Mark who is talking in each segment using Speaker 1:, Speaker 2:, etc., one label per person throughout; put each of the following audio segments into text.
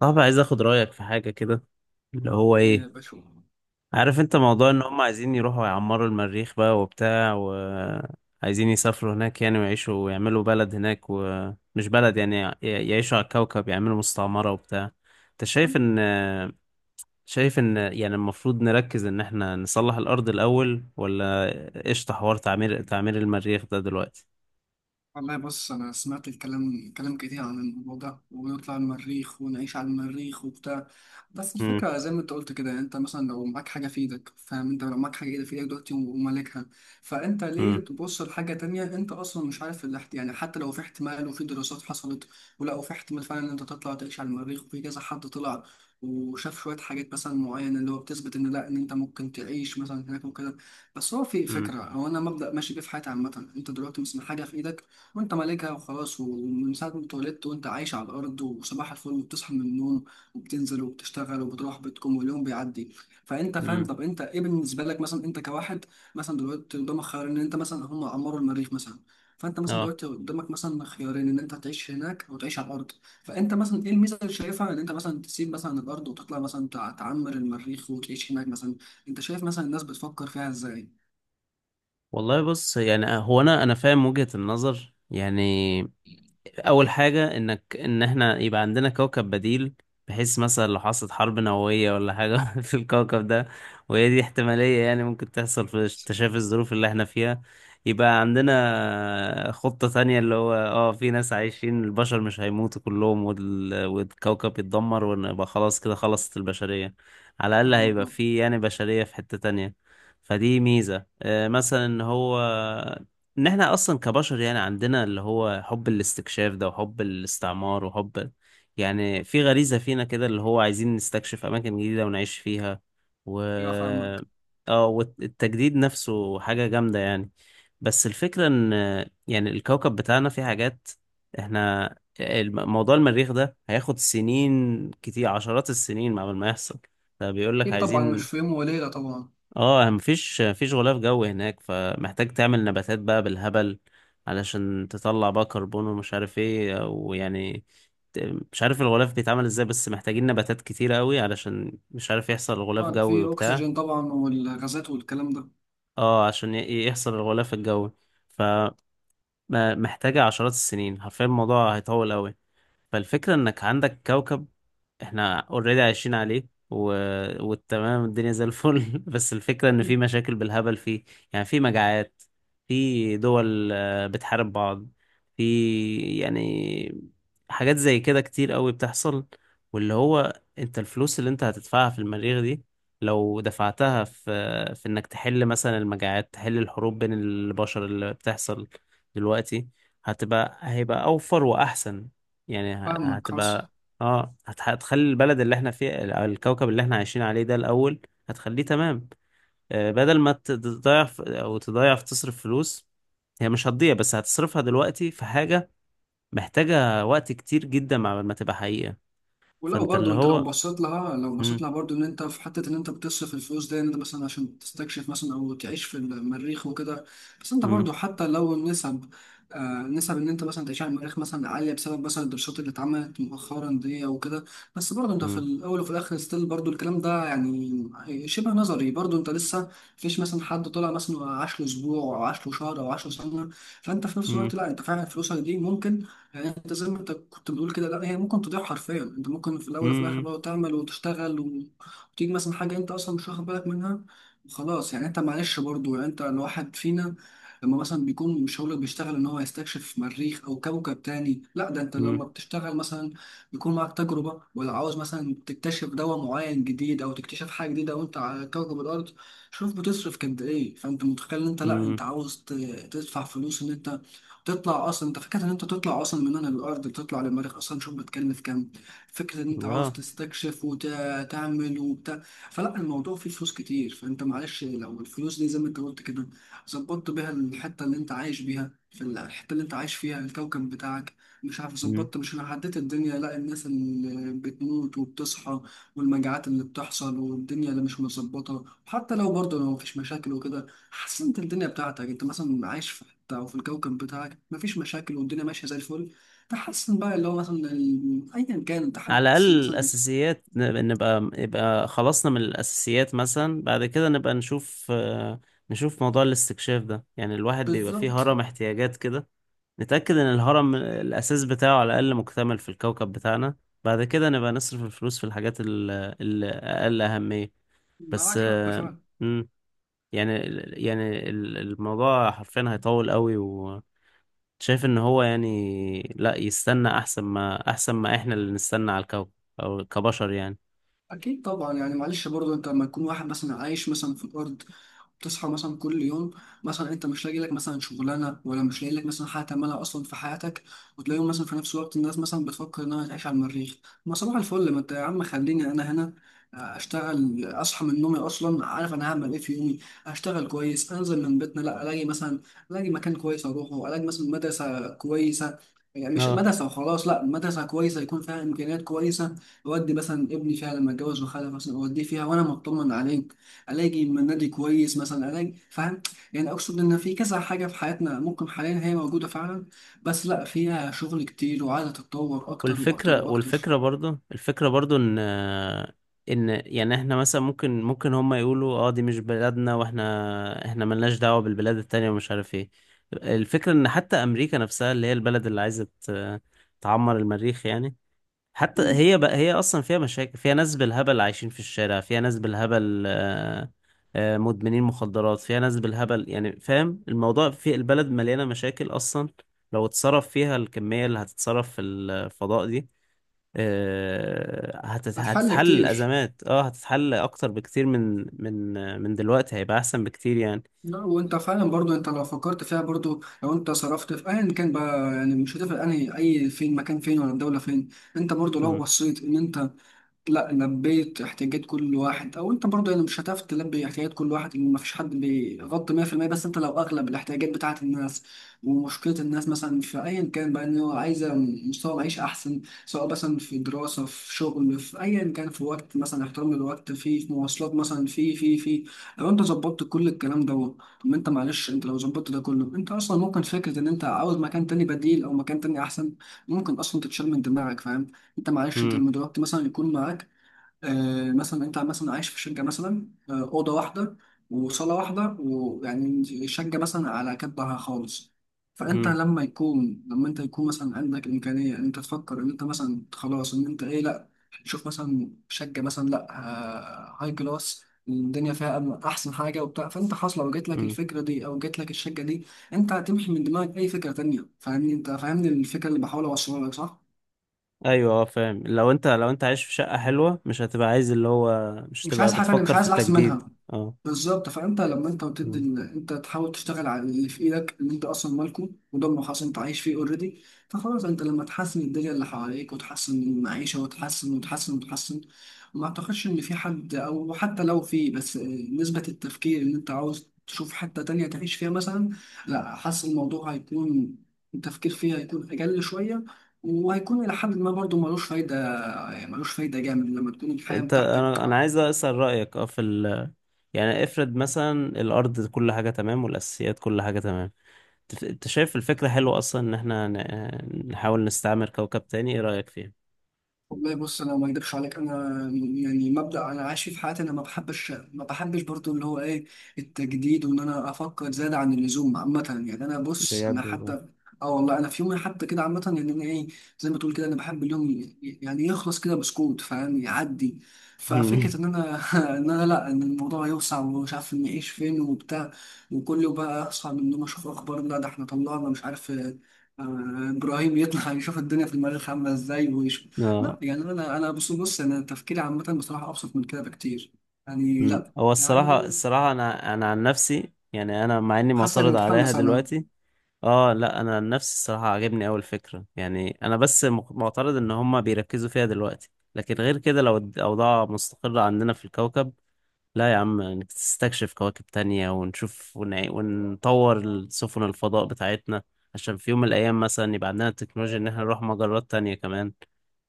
Speaker 1: طب، عايز اخد رأيك في حاجة كده، اللي هو
Speaker 2: إيه،
Speaker 1: ايه؟
Speaker 2: بشوف.
Speaker 1: عارف انت موضوع ان هم عايزين يروحوا يعمروا المريخ بقى وبتاع، وعايزين يسافروا هناك يعني ويعيشوا ويعملوا بلد هناك، ومش بلد يعني يعيشوا على الكوكب، يعملوا مستعمرة وبتاع. انت شايف ان شايف ان يعني المفروض نركز ان احنا نصلح الارض الاول ولا قشطة حوار تعمير المريخ ده دلوقتي؟
Speaker 2: والله بص، أنا سمعت كلام كتير عن الموضوع ده، ونطلع المريخ ونعيش على المريخ وبتاع. بس
Speaker 1: امم
Speaker 2: الفكرة زي ما أنت قلت كده، أنت مثلا لو معاك حاجة في إيدك، فاهم؟ أنت لو معاك حاجة في إيدك دلوقتي ومالكها، فأنت ليه
Speaker 1: امم
Speaker 2: تبص لحاجة تانية؟ أنت أصلا مش عارف اللي حتى لو في احتمال وفي دراسات حصلت ولقوا في احتمال فعلا إن أنت تطلع تعيش على المريخ، وفي كذا حد طلع وشاف شوية حاجات مثلا معينة اللي هو بتثبت إن لأ، إن أنت ممكن تعيش مثلا هناك وكده. بس هو في فكرة، هو أنا مبدأ ماشي بيه في حياتي عامة. أنت دلوقتي مثلا حاجة في إيدك وانت مالكها وخلاص، ومن ساعة ما اتولدت وانت عايش على الأرض وصباح الفل، وبتصحى من النوم وبتنزل وبتشتغل وبتروح بيتكم واليوم بيعدي. فانت فاهم،
Speaker 1: امم
Speaker 2: طب انت ايه بالنسبة لك مثلا انت كواحد مثلا دلوقتي قدامك خيار ان انت مثلا هم عمروا المريخ مثلا، فانت مثلا
Speaker 1: اه
Speaker 2: دلوقتي قدامك مثلا خيارين ان انت تعيش هناك او تعيش على الأرض؟ فانت مثلا ايه الميزة اللي شايفها ان انت مثلا تسيب مثلا الأرض وتطلع مثلا تعمر المريخ وتعيش هناك مثلا؟ انت شايف مثلا الناس بتفكر فيها ازاي؟
Speaker 1: والله بص، يعني هو انا فاهم وجهة النظر يعني. اول حاجه انك ان احنا يبقى عندنا كوكب بديل، بحيث مثلا لو حصلت حرب نوويه ولا حاجه في الكوكب ده، وهي دي احتماليه يعني ممكن تحصل في تشافي الظروف اللي احنا فيها. يبقى عندنا خطه تانية، اللي هو في ناس عايشين، البشر مش هيموتوا كلهم والكوكب يتدمر ونبقى خلاص كده خلصت البشريه، على الاقل
Speaker 2: فاهمك،
Speaker 1: هيبقى
Speaker 2: اه.
Speaker 1: في يعني بشريه في حته تانية. فدي ميزه، مثلا ان هو ان احنا اصلا كبشر يعني عندنا اللي هو حب الاستكشاف ده وحب الاستعمار وحب، يعني في غريزة فينا كده اللي هو عايزين نستكشف اماكن جديدة ونعيش فيها. و
Speaker 2: ايوه فاهمك.
Speaker 1: اه والتجديد نفسه حاجة جامدة يعني. بس الفكرة ان يعني الكوكب بتاعنا فيه حاجات، احنا، موضوع المريخ ده هياخد سنين كتير، عشرات السنين قبل ما يحصل. فبيقول لك
Speaker 2: اكيد طبعا، مش
Speaker 1: عايزين،
Speaker 2: في يوم وليلة طبعا.
Speaker 1: اه مفيش غلاف جو هناك، فمحتاج تعمل نباتات بقى بالهبل علشان تطلع بقى كربون ومش عارف ايه ويعني ت- مش عارف الغلاف بيتعمل ازاي، بس محتاجين نباتات كتيرة قوي علشان مش عارف يحصل غلاف
Speaker 2: آه،
Speaker 1: جوي
Speaker 2: في
Speaker 1: وبتاع.
Speaker 2: أكسجين طبعا والغازات والكلام ده.
Speaker 1: اه عشان يحصل الغلاف الجوي، فمحتاجة عشرات السنين، حرفيا الموضوع هيطول قوي. فالفكرة انك عندك كوكب، احنا اوريدي عايشين عليه والتمام، الدنيا زي الفل بس الفكرة ان في مشاكل بالهبل فيه، يعني في مجاعات، في دول بتحارب بعض، في يعني حاجات زي كده كتير قوي بتحصل. واللي هو انت، الفلوس اللي انت هتدفعها في المريخ دي، لو دفعتها في، في انك تحل مثلا المجاعات، تحل الحروب بين البشر اللي بتحصل دلوقتي، هيبقى اوفر واحسن. يعني
Speaker 2: فاهمك
Speaker 1: هتبقى
Speaker 2: خلاص.
Speaker 1: هتخلي البلد اللي احنا فيه، الكوكب اللي احنا عايشين عليه ده الأول، هتخليه تمام. بدل ما تضيع او تضيع في تصرف فلوس، هي مش هتضيع، بس هتصرفها دلوقتي في حاجة محتاجة وقت كتير جدا مع ما تبقى حقيقة.
Speaker 2: ولو
Speaker 1: فانت
Speaker 2: برضو
Speaker 1: اللي
Speaker 2: انت لو
Speaker 1: هو
Speaker 2: بصيت لها لو بصيت
Speaker 1: مم،
Speaker 2: لها برضو ان انت في حته ان انت بتصرف الفلوس دي ان انت مثلا عشان تستكشف مثلا او تعيش في المريخ وكده، بس انت
Speaker 1: مم،
Speaker 2: برضو حتى لو النسب، آه نسب ان انت مثلا تعيش على المريخ مثلا عاليه بسبب مثلا الدراسات اللي اتعملت مؤخرا دي او كده، بس برضو انت في
Speaker 1: مم،
Speaker 2: الاول وفي الاخر ستيل برضو الكلام ده يعني شبه نظري. برضو انت لسه مفيش مثلا حد طلع مثلا وعاش له اسبوع او عاش له شهر او عاش له سنه. فانت في نفس
Speaker 1: مم،
Speaker 2: الوقت لا، انت فعلا فلوسك دي ممكن يعني انت زي ما انت كنت بتقول كده، لا هي ممكن تضيع حرفيا. انت ممكن في الاول وفي الاخر
Speaker 1: مم،
Speaker 2: بقى تعمل وتشتغل وتيجي مثلا حاجه انت اصلا مش واخد بالك منها. خلاص يعني انت معلش برضو، يعني انت الواحد فينا لما مثلا بيكون مش هو اللي بيشتغل ان هو يستكشف مريخ او كوكب تاني، لا ده انت
Speaker 1: مم،
Speaker 2: لما بتشتغل مثلا بيكون معاك تجربه، ولا عاوز مثلا تكتشف دواء معين جديد او تكتشف حاجه جديده وانت على كوكب الارض، شوف بتصرف قد ايه. فانت متخيل ان انت لا،
Speaker 1: مم،
Speaker 2: انت عاوز تدفع فلوس ان انت تطلع اصلا؟ انت فكره ان انت تطلع اصلا من هنا للارض تطلع للمريخ اصلا شوف بتكلف كام! فكره ان انت عاوز
Speaker 1: اه
Speaker 2: تستكشف وتعمل وبتاع، فلا الموضوع فيه فلوس كتير. فانت معلش لو الفلوس دي زي ما انت قلت كده ظبطت بيها الحته اللي انت عايش بيها، في الحته اللي انت عايش فيها الكوكب بتاعك، مش عارف ظبطت مش انا عديت الدنيا، لا الناس اللي بتموت وبتصحى والمجاعات اللي بتحصل والدنيا اللي مش مظبطه. حتى لو برضه لو مفيش مشاكل وكده، حاسس انت الدنيا بتاعتك انت مثلا عايش في حته او في الكوكب بتاعك مفيش مشاكل والدنيا ماشيه زي الفل، تحسن بقى اللي هو مثلا ايا كان انت
Speaker 1: على
Speaker 2: حاسس
Speaker 1: الأقل
Speaker 2: مثلا.
Speaker 1: الأساسيات، نبقى يبقى خلصنا من الأساسيات مثلا، بعد كده نبقى نشوف موضوع الاستكشاف ده. يعني الواحد بيبقى فيه
Speaker 2: بالظبط.
Speaker 1: هرم احتياجات كده، نتأكد إن الهرم الأساس بتاعه على الأقل مكتمل في الكوكب بتاعنا، بعد كده نبقى نصرف الفلوس في الحاجات الأقل أهمية. بس،
Speaker 2: معاك حق فعلا.
Speaker 1: مم، يعني يعني الموضوع حرفيا هيطول قوي. شايف ان هو يعني لا يستنى، احسن ما احنا اللي نستنى على الكوكب او كبشر يعني.
Speaker 2: اكيد طبعا، يعني معلش برضه انت لما تكون واحد مثلا عايش مثلا في الارض، تصحى مثلا كل يوم، مثلا انت مش لاقي لك مثلا شغلانه ولا مش لاقي لك مثلا حاجه تعملها اصلا في حياتك، وتلاقيهم مثلا في نفس الوقت الناس مثلا بتفكر انها تعيش على المريخ. ما صباح الفل، ما انت يا عم خليني انا هنا، آه، اشتغل، اصحى من نومي اصلا عارف انا هعمل ايه في يومي، اشتغل كويس، انزل من بيتنا لا الاقي مكان كويس اروحه، الاقي مثلا مدرسه كويسه، يعني مش
Speaker 1: اه
Speaker 2: مدرسة وخلاص لا، مدرسة كويسة يكون فيها إمكانيات كويسة، أودي مثلا ابني فيها لما أتجوز وخلف مثلا، أوديه فيها وأنا مطمن عليه، الاقي من نادي كويس مثلا، الاقي فاهم. يعني اقصد ان في كذا حاجه في حياتنا ممكن حاليا هي موجوده فعلا، بس لا فيها شغل كتير وعايزه تتطور اكتر واكتر
Speaker 1: والفكرة
Speaker 2: واكتر.
Speaker 1: والفكرة برضو الفكرة برضو ان يعني احنا مثلا ممكن هما يقولوا اه دي مش بلادنا، واحنا ملناش دعوة بالبلاد التانية ومش عارف ايه. الفكرة ان حتى امريكا نفسها اللي هي البلد اللي عايزة تعمر المريخ يعني، حتى
Speaker 2: مم.
Speaker 1: هي بقى هي اصلا فيها مشاكل، فيها ناس بالهبل عايشين في الشارع، فيها ناس بالهبل مدمنين مخدرات، فيها ناس بالهبل يعني فاهم، الموضوع في البلد مليانة مشاكل اصلا. لو اتصرف فيها الكمية اللي هتتصرف في الفضاء دي،
Speaker 2: هتحل
Speaker 1: هتتحل
Speaker 2: كتير.
Speaker 1: الازمات، هتتحل اكتر بكتير من دلوقتي، هيبقى احسن بكتير يعني.
Speaker 2: لا، وانت فعلا برضو انت لو فكرت فيها برضو لو انت صرفت في ايا كان بقى يعني مش هتفرق انهي اي فين مكان فين ولا الدوله فين. انت برضو لو
Speaker 1: مم،
Speaker 2: بصيت ان انت لا لبيت احتياجات كل واحد، او انت برضه يعني مش هتعرف تلبي احتياجات كل واحد لان مفيش حد بيغطي 100%، بس انت لو اغلب الاحتياجات بتاعه الناس ومشكله الناس مثلا في ايا كان بقى ان هو عايزه مستوى معيشي احسن، سواء مثلا في دراسه، في شغل، في ايا كان، في وقت مثلا احترام الوقت، في في مواصلات، مثلا في، لو انت ظبطت كل الكلام ده، طب انت معلش انت لو ظبطت ده كله انت اصلا ممكن فكره ان انت عاوز مكان تاني بديل او مكان تاني احسن ممكن اصلا تتشال من دماغك. انت معلش انت
Speaker 1: مم،
Speaker 2: لما دلوقتي مثلا يكون معاك آه مثلا انت مثلا عايش في شقه مثلا، آه اوضه واحده وصاله واحده ويعني شقه مثلا على كبها خالص، فانت
Speaker 1: مم،
Speaker 2: لما يكون لما انت يكون مثلا عندك امكانيه ان انت تفكر ان انت مثلا خلاص ان انت ايه، لا تشوف مثلا شقه مثلا، لا آه هاي كلاس الدنيا فيها احسن حاجه وبتاع، فانت خلاص لو جات لك
Speaker 1: مم.
Speaker 2: الفكره دي او جات لك الشقه دي، انت هتمحي من دماغك اي فكره تانية. فاهمني؟ انت فاهمني الفكره اللي بحاول اوصلها لك، صح؟
Speaker 1: ايوه، اه، فاهم، لو انت عايش في شقة حلوة مش هتبقى عايز اللي هو مش
Speaker 2: مش
Speaker 1: هتبقى
Speaker 2: عايز حاجه تانية،
Speaker 1: بتفكر
Speaker 2: مش
Speaker 1: في
Speaker 2: عايز الاحسن
Speaker 1: التجديد.
Speaker 2: منها.
Speaker 1: اه.
Speaker 2: بالظبط. فانت لما انت وتدي
Speaker 1: مم.
Speaker 2: انت تحاول تشتغل على اللي في ايدك اللي انت اصلا مالكه، وده ما خلاص انت عايش فيه اوريدي. فخلاص انت لما تحسن الدنيا اللي حواليك وتحسن المعيشه وتحسن وتحسن وتحسن، ما اعتقدش ان في حد، او حتى لو في، بس آه، نسبه التفكير ان انت عاوز تشوف حته تانية تعيش فيها مثلا، لا حاسس الموضوع هيكون، التفكير فيها هيكون اقل شويه، وهيكون إلى حد ما برضه ملوش فايدة. ملوش فايدة جامد لما تكون الحياة بتاعتك.
Speaker 1: انا عايز اسأل رأيك اه في ال، يعني افرض مثلا الارض كل حاجة تمام والاساسيات كل حاجة تمام، انت شايف الفكرة حلوة اصلا ان احنا نحاول نستعمر كوكب تاني، ايه رأيك فيها؟
Speaker 2: والله بص، انا ما اكدبش عليك، انا يعني مبدأ انا عايش فيه في حياتي، انا ما بحبش برضو اللي هو ايه، التجديد، وان انا افكر زيادة عن اللزوم عامة يعني. انا
Speaker 1: بجد والله.
Speaker 2: حتى، اه والله انا في يومي حتى كده عامة يعني، انا ايه زي ما تقول كده، انا بحب اليوم يعني يخلص كده بسكوت فاهم، يعدي. ففكرة
Speaker 1: مم.
Speaker 2: ان انا ان انا لا، ان الموضوع يوسع ومش عارف نعيش فين وبتاع، وكل يوم بقى اصحى من النوم اشوف اخبار لا ده احنا طلعنا مش عارف آه، ابراهيم يطلع يشوف الدنيا في المريخ عامله ازاي. لا
Speaker 1: اه.
Speaker 2: يعني انا، انا بص بص انا تفكيري عامه بصراحه ابسط من كده بكتير. يعني
Speaker 1: مم.
Speaker 2: لا
Speaker 1: هو
Speaker 2: يعني.
Speaker 1: الصراحة انا عن نفسي، يعني انا مع اني
Speaker 2: حاسك
Speaker 1: معترض عليها
Speaker 2: متحمس انا
Speaker 1: دلوقتي. اه، لا، انا عن نفسي الصراحه عجبني اول فكره يعني، انا بس معترض ان هما بيركزوا فيها دلوقتي. لكن غير كده، لو الاوضاع مستقره عندنا في الكوكب، لا يا عم نستكشف كواكب تانية ونشوف ونطور سفن الفضاء بتاعتنا، عشان في يوم من الايام مثلا يبقى عندنا التكنولوجيا ان احنا نروح مجرات تانية كمان.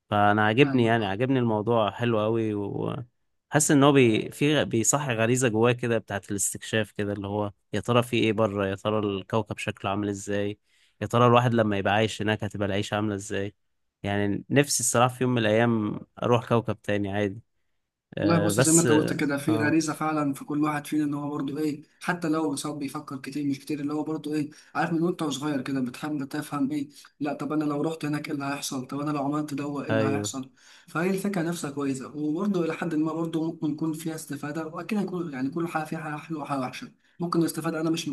Speaker 1: فانا عاجبني
Speaker 2: فاهم.
Speaker 1: يعني عاجبني الموضوع، حلو قوي، وحاسس ان هو بي في بيصحي غريزه جواه كده بتاعت الاستكشاف كده، اللي هو يا ترى في ايه بره، يا ترى الكوكب شكله عامل ازاي، يا ترى الواحد لما يبقى عايش هناك هتبقى العيشه عامله ازاي. يعني نفسي الصراحه في يوم من الايام اروح كوكب تاني عادي.
Speaker 2: والله بص، زي ما
Speaker 1: بس
Speaker 2: انت قلت كده في
Speaker 1: آه،
Speaker 2: غريزه فعلا في كل واحد فينا ان هو برضه ايه حتى لو سواء بيفكر كتير مش كتير، اللي هو برضه ايه، عارف من وانت صغير كده بتحب تفهم ايه، لا طب انا لو رحت هناك ايه اللي هيحصل، طب انا لو عملت دوا ايه اللي
Speaker 1: ايوه،
Speaker 2: هيحصل. فهي الفكره نفسها كويسه، وبرضه الى حد ما برضه ممكن يكون فيها استفاده، واكيد هيكون يعني كل حاجه فيها حاجه حلوه وحاجه وحشه. ممكن الاستفاده انا مش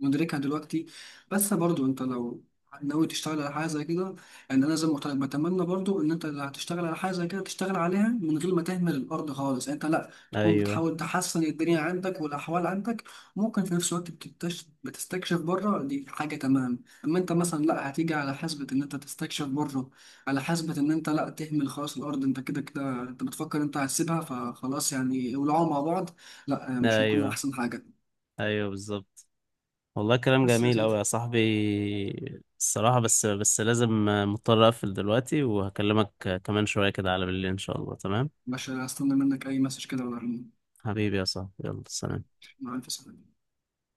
Speaker 2: مدركها دلوقتي، بس برضه انت لو ناوي تشتغل على حاجه زي كده، يعني انا لازم بتمنى برضو ان انت لو هتشتغل على حاجه زي كده تشتغل عليها من غير ما تهمل الارض خالص. يعني انت لا تكون
Speaker 1: ايوه،
Speaker 2: بتحاول تحسن الدنيا عندك والاحوال عندك، ممكن في نفس الوقت بتستكشف بره، دي حاجه تمام. اما انت مثلا لا هتيجي على حسبه ان انت تستكشف بره على حسبه ان انت لا تهمل خلاص الارض، انت كده كده انت بتفكر انت هتسيبها فخلاص يعني ولعوا مع بعض، لا مش هيكون
Speaker 1: ايوه،
Speaker 2: احسن حاجه.
Speaker 1: ايوه، بالظبط. والله كلام
Speaker 2: بس يا
Speaker 1: جميل
Speaker 2: سيدي،
Speaker 1: أوي يا صاحبي. الصراحة، بس لازم، مضطر أقفل دلوقتي، وهكلمك كمان شوية كده على بالليل إن شاء الله، تمام؟
Speaker 2: مش هستنى منك اي مسج كده ولا؟
Speaker 1: حبيبي يا صاحبي، يلا سلام.
Speaker 2: مع الف سلامه.